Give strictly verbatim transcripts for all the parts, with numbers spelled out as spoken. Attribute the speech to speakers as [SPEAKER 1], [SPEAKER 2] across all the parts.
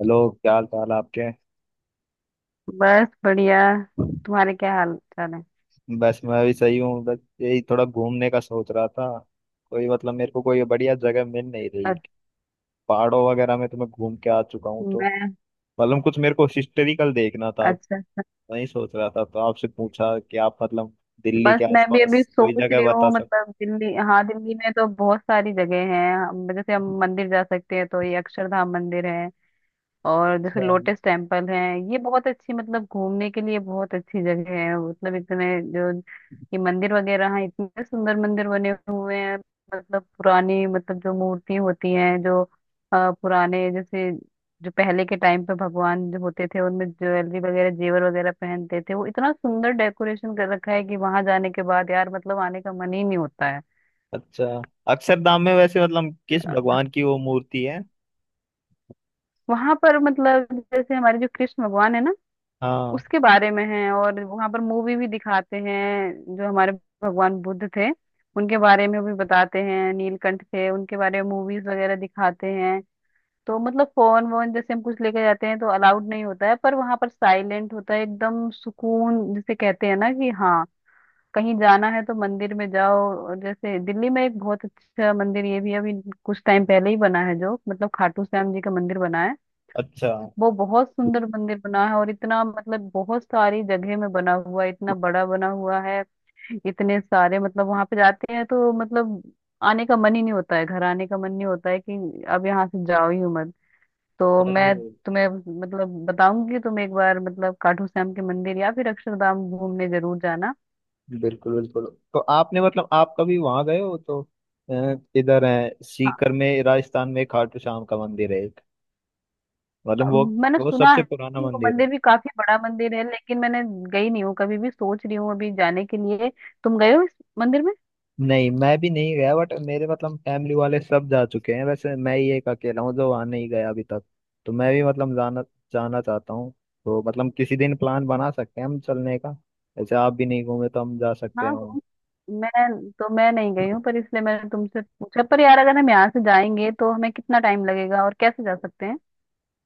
[SPEAKER 1] Hello. क्या हाल चाल आपके।
[SPEAKER 2] बस बढ़िया। तुम्हारे क्या हाल चाल है?
[SPEAKER 1] बस मैं भी सही हूँ, बस यही थोड़ा घूमने का सोच रहा था। कोई मतलब मेरे को कोई बढ़िया जगह मिल नहीं रही।
[SPEAKER 2] अच्छा,
[SPEAKER 1] पहाड़ों वगैरह में तो मैं घूम के आ चुका हूँ, तो
[SPEAKER 2] मैं।
[SPEAKER 1] मतलब कुछ मेरे को हिस्टोरिकल देखना था।
[SPEAKER 2] अच्छा।
[SPEAKER 1] वही सोच रहा था तो आपसे पूछा कि आप मतलब दिल्ली
[SPEAKER 2] बस
[SPEAKER 1] के
[SPEAKER 2] मैं भी अभी
[SPEAKER 1] आसपास कोई
[SPEAKER 2] सोच
[SPEAKER 1] जगह
[SPEAKER 2] रही
[SPEAKER 1] बता
[SPEAKER 2] हूँ,
[SPEAKER 1] सको।
[SPEAKER 2] मतलब दिल्ली, हाँ, दिल्ली में तो बहुत सारी जगह हैं। हम- जैसे हम मंदिर जा सकते हैं तो ये अक्षरधाम मंदिर है। और जैसे
[SPEAKER 1] अच्छा।
[SPEAKER 2] लोटस टेम्पल है। ये बहुत अच्छी, मतलब घूमने के लिए बहुत अच्छी जगह है। मतलब इतने जो ये मंदिर वगैरह हैं, इतने सुंदर मंदिर बने हुए हैं। मतलब पुरानी, मतलब जो मूर्ति होती हैं, जो अ, पुराने जैसे, जो पहले के टाइम पे भगवान जो होते थे, उनमें ज्वेलरी वगैरह जेवर वगैरह पहनते थे, वो इतना सुंदर डेकोरेशन कर रखा है कि वहां जाने के बाद यार मतलब आने का मन ही नहीं होता है।
[SPEAKER 1] अच्छा, अक्षरधाम में वैसे मतलब किस भगवान की वो मूर्ति है।
[SPEAKER 2] वहां पर मतलब जैसे हमारे जो कृष्ण भगवान है ना,
[SPEAKER 1] हाँ।
[SPEAKER 2] उसके बारे में है। और वहां पर मूवी भी दिखाते हैं। जो हमारे भगवान बुद्ध थे, उनके बारे में भी बताते हैं। नीलकंठ थे, उनके बारे में मूवीज वगैरह दिखाते हैं। तो मतलब फोन वोन जैसे हम कुछ लेके जाते हैं तो अलाउड नहीं होता है, पर वहां पर साइलेंट होता है, एकदम सुकून जिसे कहते हैं ना कि हाँ, कहीं जाना है तो मंदिर में जाओ। और जैसे दिल्ली में एक बहुत अच्छा मंदिर ये भी अभी कुछ टाइम पहले ही बना है, जो मतलब खाटू श्याम जी का मंदिर बना है।
[SPEAKER 1] अच्छा।
[SPEAKER 2] वो बहुत सुंदर मंदिर बना है, और इतना मतलब बहुत सारी जगह में बना हुआ है, इतना बड़ा बना हुआ है। इतने सारे मतलब वहां पे जाते हैं तो मतलब आने का मन ही नहीं होता है। घर आने का मन नहीं होता है कि अब यहाँ से जाओ ही मत। तो
[SPEAKER 1] अरे,
[SPEAKER 2] मैं तुम्हें मतलब बताऊंगी कि तुम एक बार मतलब खाटू श्याम के मंदिर या फिर अक्षरधाम घूमने जरूर जाना।
[SPEAKER 1] बिल्कुल बिल्कुल। तो आपने मतलब आप कभी वहां गए हो तो अ, इधर है
[SPEAKER 2] हाँ,
[SPEAKER 1] सीकर में, राजस्थान में खाटू श्याम का मंदिर है एक, मतलब वो
[SPEAKER 2] मैंने
[SPEAKER 1] वो
[SPEAKER 2] सुना
[SPEAKER 1] सबसे
[SPEAKER 2] है
[SPEAKER 1] पुराना
[SPEAKER 2] कि वो
[SPEAKER 1] मंदिर है।
[SPEAKER 2] मंदिर भी काफी बड़ा मंदिर है, लेकिन मैंने गई नहीं हूँ कभी भी। सोच रही हूँ अभी जाने के लिए। तुम गए हो इस मंदिर में?
[SPEAKER 1] नहीं, मैं भी नहीं गया, बट मेरे मतलब फैमिली वाले सब जा चुके हैं। वैसे मैं ही एक अकेला हूँ जो वहां नहीं गया अभी तक। तो मैं भी मतलब जाना जाना चाहता हूँ। तो मतलब किसी दिन प्लान बना सकते हैं हम चलने का। जैसे आप भी नहीं घूमे, तो हम जा सकते
[SPEAKER 2] हाँ,
[SPEAKER 1] हैं वहाँ।
[SPEAKER 2] वो मैं, तो मैं नहीं गई हूँ, पर इसलिए मैंने तुमसे पूछा। पर यार अगर हम यहाँ से जाएंगे तो हमें कितना टाइम लगेगा और कैसे जा सकते हैं?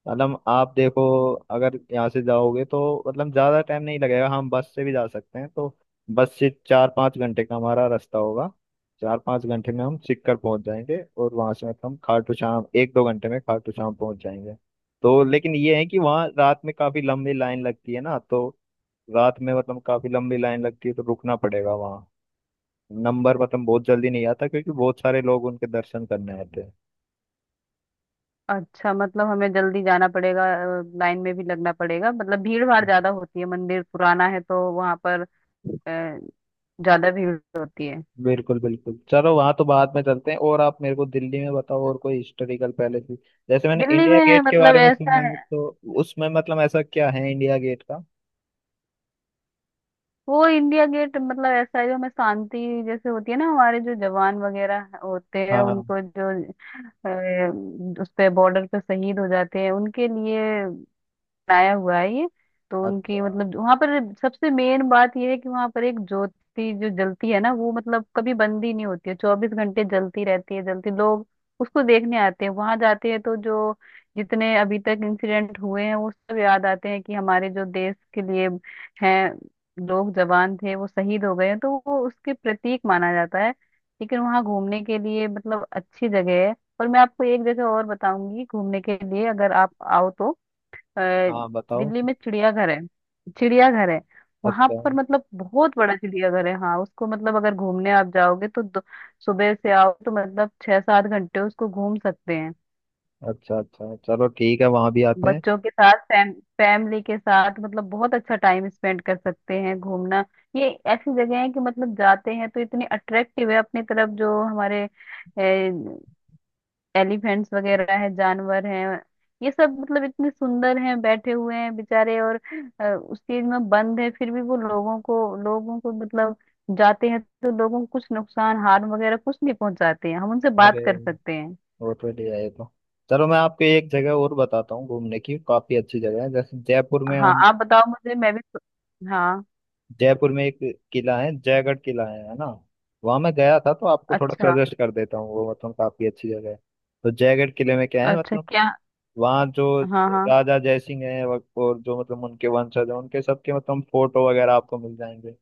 [SPEAKER 1] मतलब आप देखो, अगर यहाँ से जाओगे तो मतलब ज़्यादा टाइम नहीं लगेगा। हम बस से भी जा सकते हैं, तो बस से चार पाँच घंटे का हमारा रास्ता होगा। चार पाँच घंटे में हम सिक्कर पहुंच जाएंगे और वहां से मतलब हम खाटू श्याम एक दो घंटे में खाटू श्याम पहुंच जाएंगे। तो लेकिन ये है कि वहाँ रात में काफ़ी लंबी लाइन लगती है ना, तो रात में मतलब काफ़ी लंबी लाइन लगती है, तो रुकना पड़ेगा वहाँ। नंबर मतलब बहुत जल्दी नहीं आता, क्योंकि बहुत सारे लोग उनके दर्शन करने आते
[SPEAKER 2] अच्छा, मतलब हमें जल्दी जाना पड़ेगा। लाइन में भी लगना पड़ेगा, मतलब भीड़ भाड़ ज्यादा होती है, मंदिर पुराना है तो वहां पर अ,
[SPEAKER 1] हैं।
[SPEAKER 2] ज्यादा भीड़ होती है।
[SPEAKER 1] बिल्कुल बिल्कुल, चलो वहां तो बाद में चलते हैं। और आप मेरे को दिल्ली में बताओ और कोई हिस्टोरिकल पैलेस भी। जैसे मैंने
[SPEAKER 2] दिल्ली
[SPEAKER 1] इंडिया
[SPEAKER 2] में
[SPEAKER 1] गेट के
[SPEAKER 2] मतलब
[SPEAKER 1] बारे में
[SPEAKER 2] ऐसा
[SPEAKER 1] सुना
[SPEAKER 2] है,
[SPEAKER 1] है, तो उसमें मतलब ऐसा क्या है इंडिया गेट का।
[SPEAKER 2] वो इंडिया गेट मतलब ऐसा है जो हमें शांति, जैसे होती है ना, हमारे जो जवान वगैरह होते हैं
[SPEAKER 1] हाँ।
[SPEAKER 2] उनको जो अ, उस पे बॉर्डर पे शहीद हो जाते हैं, उनके लिए बनाया हुआ है ये। तो उनकी
[SPEAKER 1] अच्छा।
[SPEAKER 2] मतलब वहां पर सबसे मेन बात ये है कि वहां पर एक ज्योति जो जलती है ना, वो मतलब कभी बंद ही नहीं होती है। चौबीस घंटे जलती रहती है। जलती लोग उसको देखने आते हैं। वहां जाते हैं तो जो जितने अभी तक इंसिडेंट हुए हैं, वो सब याद आते हैं कि हमारे जो देश के लिए हैं, लोग जवान थे, वो शहीद हो गए हैं, तो वो उसके प्रतीक माना जाता है। लेकिन वहाँ घूमने के लिए मतलब अच्छी जगह है। और मैं आपको एक जगह और बताऊंगी घूमने के लिए, अगर आप आओ तो। अ,
[SPEAKER 1] हाँ, बताओ।
[SPEAKER 2] दिल्ली में चिड़ियाघर है, चिड़ियाघर है। वहां
[SPEAKER 1] अच्छा।
[SPEAKER 2] पर मतलब बहुत बड़ा चिड़ियाघर है। हाँ, उसको मतलब अगर घूमने आप जाओगे तो दो, सुबह से आओ तो मतलब छह सात घंटे उसको घूम सकते हैं।
[SPEAKER 1] अच्छा अच्छा, चलो ठीक है, वहां भी आते हैं।
[SPEAKER 2] बच्चों के साथ फैम, फैमिली के साथ मतलब बहुत अच्छा टाइम स्पेंड कर सकते हैं घूमना। ये ऐसी जगह है कि मतलब जाते हैं तो इतनी अट्रैक्टिव है अपनी तरफ, जो हमारे एलिफेंट्स वगैरह है, जानवर हैं, ये सब मतलब इतने सुंदर हैं, बैठे हुए हैं बेचारे, और अ, उस चीज में बंद है, फिर भी वो लोगों को लोगों को मतलब जाते हैं तो लोगों को कुछ नुकसान हार्म वगैरह कुछ नहीं पहुंचाते हैं। हम उनसे बात
[SPEAKER 1] अरे,
[SPEAKER 2] कर सकते हैं।
[SPEAKER 1] वो तो ले आए तो, चलो मैं आपको एक जगह और बताता हूँ, घूमने की काफी अच्छी जगह है। जैसे जयपुर में
[SPEAKER 2] हाँ,
[SPEAKER 1] हम,
[SPEAKER 2] आप बताओ मुझे, मैं भी सो- हाँ।
[SPEAKER 1] जयपुर में एक किला है, जयगढ़ किला है है ना। वहां मैं गया था तो आपको थोड़ा
[SPEAKER 2] अच्छा,
[SPEAKER 1] सजेस्ट कर देता हूँ, वो मतलब काफी अच्छी जगह है। तो जयगढ़ किले में क्या है
[SPEAKER 2] अच्छा
[SPEAKER 1] मतलब,
[SPEAKER 2] क्या?
[SPEAKER 1] वहाँ जो
[SPEAKER 2] हाँ, हाँ।
[SPEAKER 1] राजा जयसिंह है, और जो मतलब उनके वंशज हैं उनके सबके मतलब फोटो वगैरह आपको मिल जाएंगे।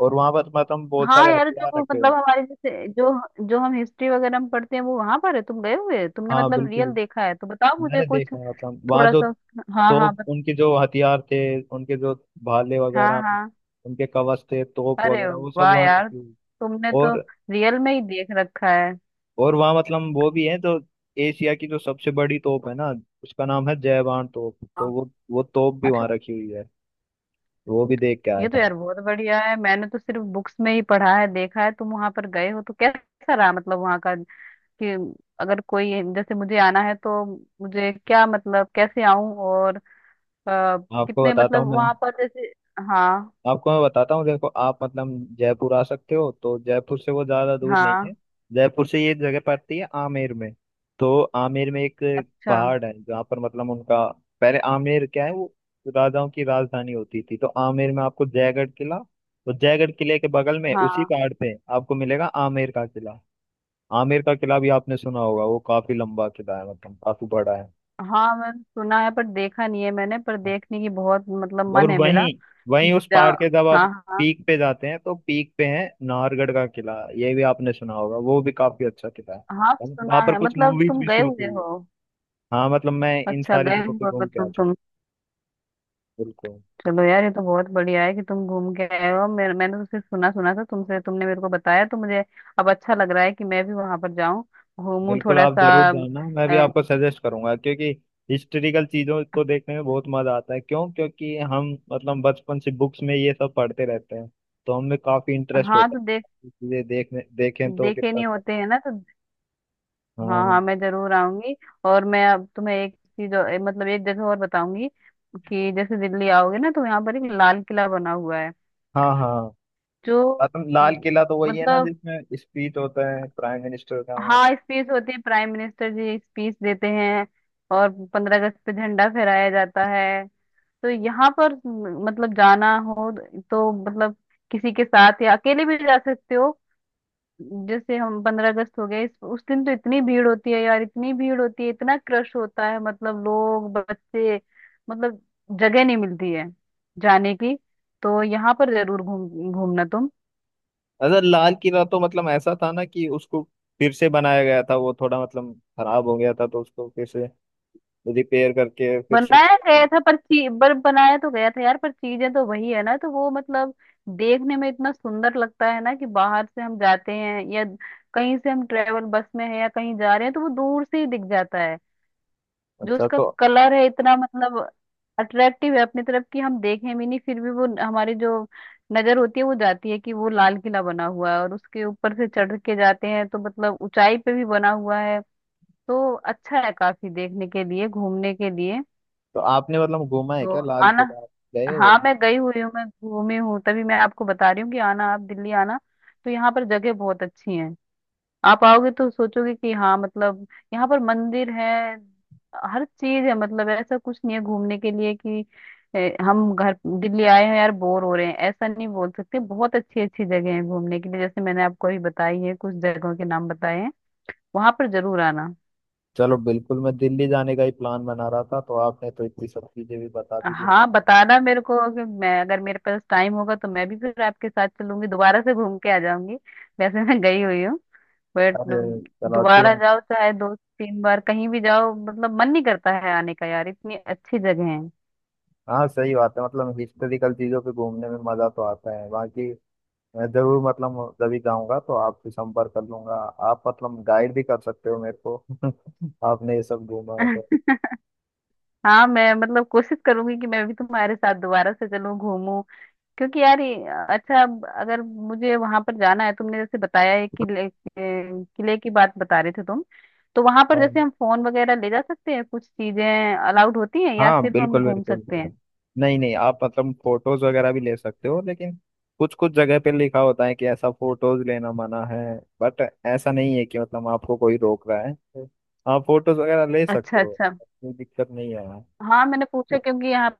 [SPEAKER 1] और वहां पर मतलब बहुत
[SPEAKER 2] हाँ
[SPEAKER 1] सारे
[SPEAKER 2] यार, जो
[SPEAKER 1] हथियार
[SPEAKER 2] वो
[SPEAKER 1] रखे हुए
[SPEAKER 2] मतलब
[SPEAKER 1] हैं।
[SPEAKER 2] हमारे जैसे जो जो हम हिस्ट्री वगैरह में पढ़ते हैं, वो वहां पर है? तुम गए हुए हो? तुमने
[SPEAKER 1] हाँ,
[SPEAKER 2] मतलब
[SPEAKER 1] बिल्कुल,
[SPEAKER 2] रियल देखा है तो बताओ मुझे
[SPEAKER 1] मैंने
[SPEAKER 2] कुछ
[SPEAKER 1] देखा है। मतलब वहाँ
[SPEAKER 2] थोड़ा
[SPEAKER 1] जो
[SPEAKER 2] सा। हाँ, हाँ।
[SPEAKER 1] तोप, उनके जो हथियार थे, उनके जो भाले
[SPEAKER 2] हाँ,
[SPEAKER 1] वगैरह,
[SPEAKER 2] हाँ।
[SPEAKER 1] उनके कवच थे, तोप
[SPEAKER 2] अरे
[SPEAKER 1] वगैरह वो सब
[SPEAKER 2] वाह
[SPEAKER 1] वहाँ
[SPEAKER 2] यार,
[SPEAKER 1] रखी हुई है।
[SPEAKER 2] तुमने तो
[SPEAKER 1] और
[SPEAKER 2] रियल में ही देख रखा है।
[SPEAKER 1] और वहाँ मतलब वो भी है तो एशिया की जो सबसे बड़ी तोप है ना, उसका नाम है जयवान तोप, तो
[SPEAKER 2] हाँ।
[SPEAKER 1] वो वो तोप भी
[SPEAKER 2] अच्छा।
[SPEAKER 1] वहाँ रखी हुई है। वो भी देख के आया
[SPEAKER 2] ये तो
[SPEAKER 1] था।
[SPEAKER 2] यार बहुत बढ़िया है, मैंने तो सिर्फ बुक्स में ही पढ़ा है। देखा है तुम वहां पर गए हो, तो कैसा रहा मतलब वहां का, कि अगर कोई जैसे मुझे आना है तो मुझे क्या मतलब कैसे आऊं? और अ,
[SPEAKER 1] आपको
[SPEAKER 2] कितने
[SPEAKER 1] बताता
[SPEAKER 2] मतलब
[SPEAKER 1] हूँ मैं,
[SPEAKER 2] वहां पर जैसे, हाँ,
[SPEAKER 1] आपको मैं बताता हूँ, देखो आप मतलब जयपुर आ सकते हो तो जयपुर से वो ज़्यादा दूर नहीं
[SPEAKER 2] हाँ।
[SPEAKER 1] है। जयपुर से ये जगह पड़ती है आमेर में। तो आमेर में एक
[SPEAKER 2] अच्छा।
[SPEAKER 1] पहाड़ है जहाँ पर मतलब उनका, पहले आमेर क्या है, वो राजाओं की राजधानी होती थी। तो आमेर में आपको जयगढ़ किला, तो जयगढ़ किले के बगल में उसी
[SPEAKER 2] हाँ,
[SPEAKER 1] पहाड़ पे आपको मिलेगा आमेर का किला। आमेर का किला भी आपने सुना होगा, वो काफी लंबा किला है, मतलब काफी बड़ा है।
[SPEAKER 2] हाँ, मैंने सुना है पर देखा नहीं है मैंने, पर देखने की बहुत मतलब
[SPEAKER 1] और
[SPEAKER 2] मन है मेरा,
[SPEAKER 1] वहीं
[SPEAKER 2] कि
[SPEAKER 1] वहीं उस
[SPEAKER 2] जा,
[SPEAKER 1] पहाड़ के जब
[SPEAKER 2] हाँ,
[SPEAKER 1] आप
[SPEAKER 2] हाँ।
[SPEAKER 1] पीक पे जाते हैं तो पीक पे है नाहरगढ़ का किला। ये भी आपने सुना होगा, वो भी काफी अच्छा किला है।
[SPEAKER 2] हाँ, सुना
[SPEAKER 1] वहां पर
[SPEAKER 2] है।
[SPEAKER 1] कुछ
[SPEAKER 2] मतलब
[SPEAKER 1] मूवीज
[SPEAKER 2] तुम
[SPEAKER 1] भी
[SPEAKER 2] गए
[SPEAKER 1] शूट
[SPEAKER 2] हुए
[SPEAKER 1] हुई है।
[SPEAKER 2] हो?
[SPEAKER 1] हाँ मतलब मैं इन
[SPEAKER 2] अच्छा,
[SPEAKER 1] सारी
[SPEAKER 2] गए
[SPEAKER 1] जगहों पे
[SPEAKER 2] हुए हो
[SPEAKER 1] घूम के आ
[SPEAKER 2] तुम
[SPEAKER 1] चुका
[SPEAKER 2] तुम
[SPEAKER 1] हूँ। बिल्कुल
[SPEAKER 2] चलो यार ये तो बहुत बढ़िया है कि तुम घूम के आए हो। मेरे, मैंने तो सिर्फ सुना, सुना था तुमसे, तुमने मेरे को बताया तो मुझे अब अच्छा लग रहा है कि मैं भी वहां पर जाऊं, घूमूं
[SPEAKER 1] बिल्कुल,
[SPEAKER 2] थोड़ा
[SPEAKER 1] आप
[SPEAKER 2] सा।
[SPEAKER 1] जरूर जाना। मैं भी
[SPEAKER 2] अ,
[SPEAKER 1] आपको सजेस्ट करूंगा, क्योंकि हिस्टोरिकल चीजों को देखने में बहुत मजा आता है। क्यों, क्योंकि हम मतलब बचपन से बुक्स में ये सब पढ़ते रहते हैं, तो हमें काफी इंटरेस्ट
[SPEAKER 2] हाँ,
[SPEAKER 1] होता
[SPEAKER 2] तो देख
[SPEAKER 1] है चीजें देखने। देखें तो
[SPEAKER 2] देखे
[SPEAKER 1] कितना
[SPEAKER 2] नहीं
[SPEAKER 1] अच्छा।
[SPEAKER 2] होते हैं ना तो हाँ,
[SPEAKER 1] हाँ।
[SPEAKER 2] हाँ, मैं जरूर आऊंगी। और मैं अब तुम्हें एक चीज और मतलब एक जगह और बताऊंगी, कि जैसे दिल्ली आओगे ना तो यहाँ पर एक लाल किला बना हुआ है,
[SPEAKER 1] हाँ। हाँ
[SPEAKER 2] जो
[SPEAKER 1] मतलब लाल किला तो वही है ना
[SPEAKER 2] मतलब
[SPEAKER 1] जिसमें स्पीच होता है प्राइम मिनिस्टर का हमेशा।
[SPEAKER 2] हाँ, स्पीच होती है, प्राइम मिनिस्टर जी स्पीच देते हैं, और पंद्रह अगस्त पे झंडा फहराया जाता है। तो यहाँ पर म, मतलब जाना हो तो मतलब किसी के साथ या अकेले भी जा सकते हो। जैसे हम पंद्रह अगस्त हो गए इस- उस दिन, तो इतनी भीड़ होती है यार, इतनी भीड़ होती है, इतना क्रश होता है, मतलब लोग बच्चे, मतलब जगह नहीं मिलती है जाने की। तो यहाँ पर जरूर घूम घूमना।
[SPEAKER 1] अगर लाल किला तो मतलब ऐसा था ना कि उसको फिर से बनाया गया था। वो थोड़ा मतलब खराब हो गया था तो उसको फिर से रिपेयर करके फिर से।
[SPEAKER 2] बनाया गया था पर ची पर बनाया तो गया था यार, पर चीजें तो वही है ना, तो वो मतलब देखने में इतना सुंदर लगता है ना कि बाहर से हम जाते हैं, या कहीं से हम ट्रेवल बस में है, या कहीं जा रहे हैं, तो वो दूर से ही दिख जाता है। जो
[SPEAKER 1] अच्छा,
[SPEAKER 2] उसका
[SPEAKER 1] तो
[SPEAKER 2] कलर है इतना मतलब अट्रैक्टिव है अपनी तरफ, कि हम देखें भी नहीं फिर भी वो हमारी जो नजर होती है वो जाती है कि वो लाल किला बना हुआ है। और उसके ऊपर से चढ़ के जाते हैं तो मतलब ऊंचाई पे भी बना हुआ है, तो अच्छा है काफी देखने के लिए, घूमने के लिए।
[SPEAKER 1] तो आपने मतलब घूमा है
[SPEAKER 2] तो
[SPEAKER 1] क्या लाल
[SPEAKER 2] आना।
[SPEAKER 1] किला, आप गए हो।
[SPEAKER 2] हाँ, मैं गई हुई हूँ, मैं घूमी हूँ, तभी मैं आपको बता रही हूँ कि आना, आप दिल्ली आना। तो यहाँ पर जगह बहुत अच्छी हैं। आप आओगे तो सोचोगे कि हाँ, मतलब यहाँ पर मंदिर है, हर चीज है, मतलब ऐसा कुछ नहीं है घूमने के लिए कि ए, हम घर दिल्ली आए हैं यार, बोर हो रहे हैं, ऐसा नहीं बोल सकते। बहुत अच्छी अच्छी जगह है घूमने के लिए, जैसे मैंने आपको अभी बताई है, कुछ जगहों के नाम बताए हैं, वहां पर जरूर आना।
[SPEAKER 1] चलो बिल्कुल, मैं दिल्ली जाने का ही प्लान बना रहा था, तो आपने तो इतनी सब चीजें भी बता दी थी।
[SPEAKER 2] हाँ, बताना मेरे को, कि मैं अगर मेरे पास टाइम होगा तो मैं भी फिर आपके साथ चलूंगी, दोबारा से घूम के आ जाऊंगी। वैसे मैं गई हुई हूँ बट
[SPEAKER 1] अरे, चलो, अच्छी
[SPEAKER 2] दोबारा
[SPEAKER 1] बात।
[SPEAKER 2] जाओ, चाहे दो तीन बार कहीं भी जाओ, मतलब मन नहीं करता है आने का यार, इतनी अच्छी जगह है।
[SPEAKER 1] हाँ सही बात है, मतलब हिस्टोरिकल चीजों पे घूमने में मजा तो आता है बाकी। मैं जरूर मतलब जब भी जाऊंगा तो आपसे संपर्क कर लूंगा। आप मतलब गाइड भी कर सकते हो मेरे को आपने ये सब घूमा है तो।
[SPEAKER 2] हाँ, मैं मतलब कोशिश करूंगी कि मैं भी तुम्हारे साथ दोबारा से चलूं, घूमूं। क्योंकि यार ये- अच्छा, अब अगर मुझे वहां पर जाना है, तुमने जैसे बताया है, किले, किले की बात बता रहे थे तुम, तो वहां पर
[SPEAKER 1] हाँ।
[SPEAKER 2] जैसे हम फोन वगैरह ले जा सकते हैं, कुछ चीजें अलाउड होती हैं या
[SPEAKER 1] हाँ,
[SPEAKER 2] सिर्फ हम
[SPEAKER 1] बिल्कुल
[SPEAKER 2] घूम
[SPEAKER 1] बिल्कुल।
[SPEAKER 2] सकते हैं?
[SPEAKER 1] नहीं नहीं, आप मतलब फोटोज वगैरह भी ले सकते हो, लेकिन कुछ कुछ जगह पे लिखा होता है कि ऐसा फोटोज लेना मना है। बट ऐसा नहीं है कि मतलब आपको कोई रोक रहा है, तो आप फोटोज वगैरह ले
[SPEAKER 2] अच्छा,
[SPEAKER 1] सकते हो।
[SPEAKER 2] अच्छा।
[SPEAKER 1] कोई दिक्कत नहीं है वहाँ।
[SPEAKER 2] हाँ, मैंने पूछा क्योंकि यहाँ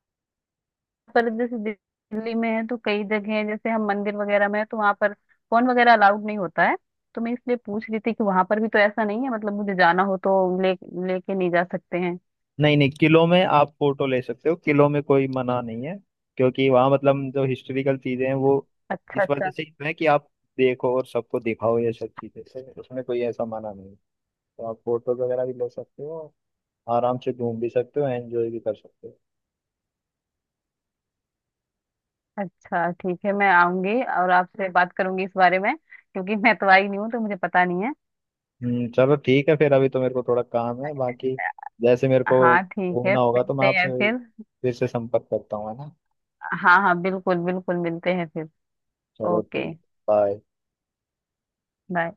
[SPEAKER 2] पर जैसे दिल्ली में है तो कई जगह हैं, जैसे हम मंदिर वगैरह में है तो वहां पर फोन वगैरह अलाउड नहीं होता है, तो मैं इसलिए पूछ रही थी कि वहां पर भी तो ऐसा नहीं है, मतलब मुझे जाना हो तो ले लेके नहीं जा सकते हैं।
[SPEAKER 1] नहीं नहीं, किलो में आप फोटो ले सकते हो, किलो में कोई मना नहीं है। क्योंकि वहाँ मतलब जो हिस्टोरिकल चीजें हैं, वो
[SPEAKER 2] अच्छा,
[SPEAKER 1] इस वजह
[SPEAKER 2] अच्छा।
[SPEAKER 1] से है कि आप देखो और सबको दिखाओ ये सब चीजें, तो उसमें कोई ऐसा मना नहीं है। तो आप फोटोज वगैरह भी ले सकते हो, आराम से घूम भी सकते हो, एंजॉय भी कर सकते हो।
[SPEAKER 2] अच्छा, ठीक है, मैं आऊंगी और आपसे बात करूंगी इस बारे में, क्योंकि मैं तो आई नहीं हूँ तो मुझे पता नहीं है।
[SPEAKER 1] हम्म, चलो ठीक है फिर। अभी तो मेरे को थोड़ा काम है बाकी। जैसे मेरे को
[SPEAKER 2] हाँ, ठीक है,
[SPEAKER 1] घूमना होगा तो मैं
[SPEAKER 2] मिलते
[SPEAKER 1] आपसे
[SPEAKER 2] हैं फिर।
[SPEAKER 1] फिर से संपर्क करता हूँ, है ना।
[SPEAKER 2] हाँ, हाँ, बिल्कुल बिल्कुल, मिलते हैं फिर।
[SPEAKER 1] चलो
[SPEAKER 2] ओके,
[SPEAKER 1] ठीक। बाय।
[SPEAKER 2] बाय।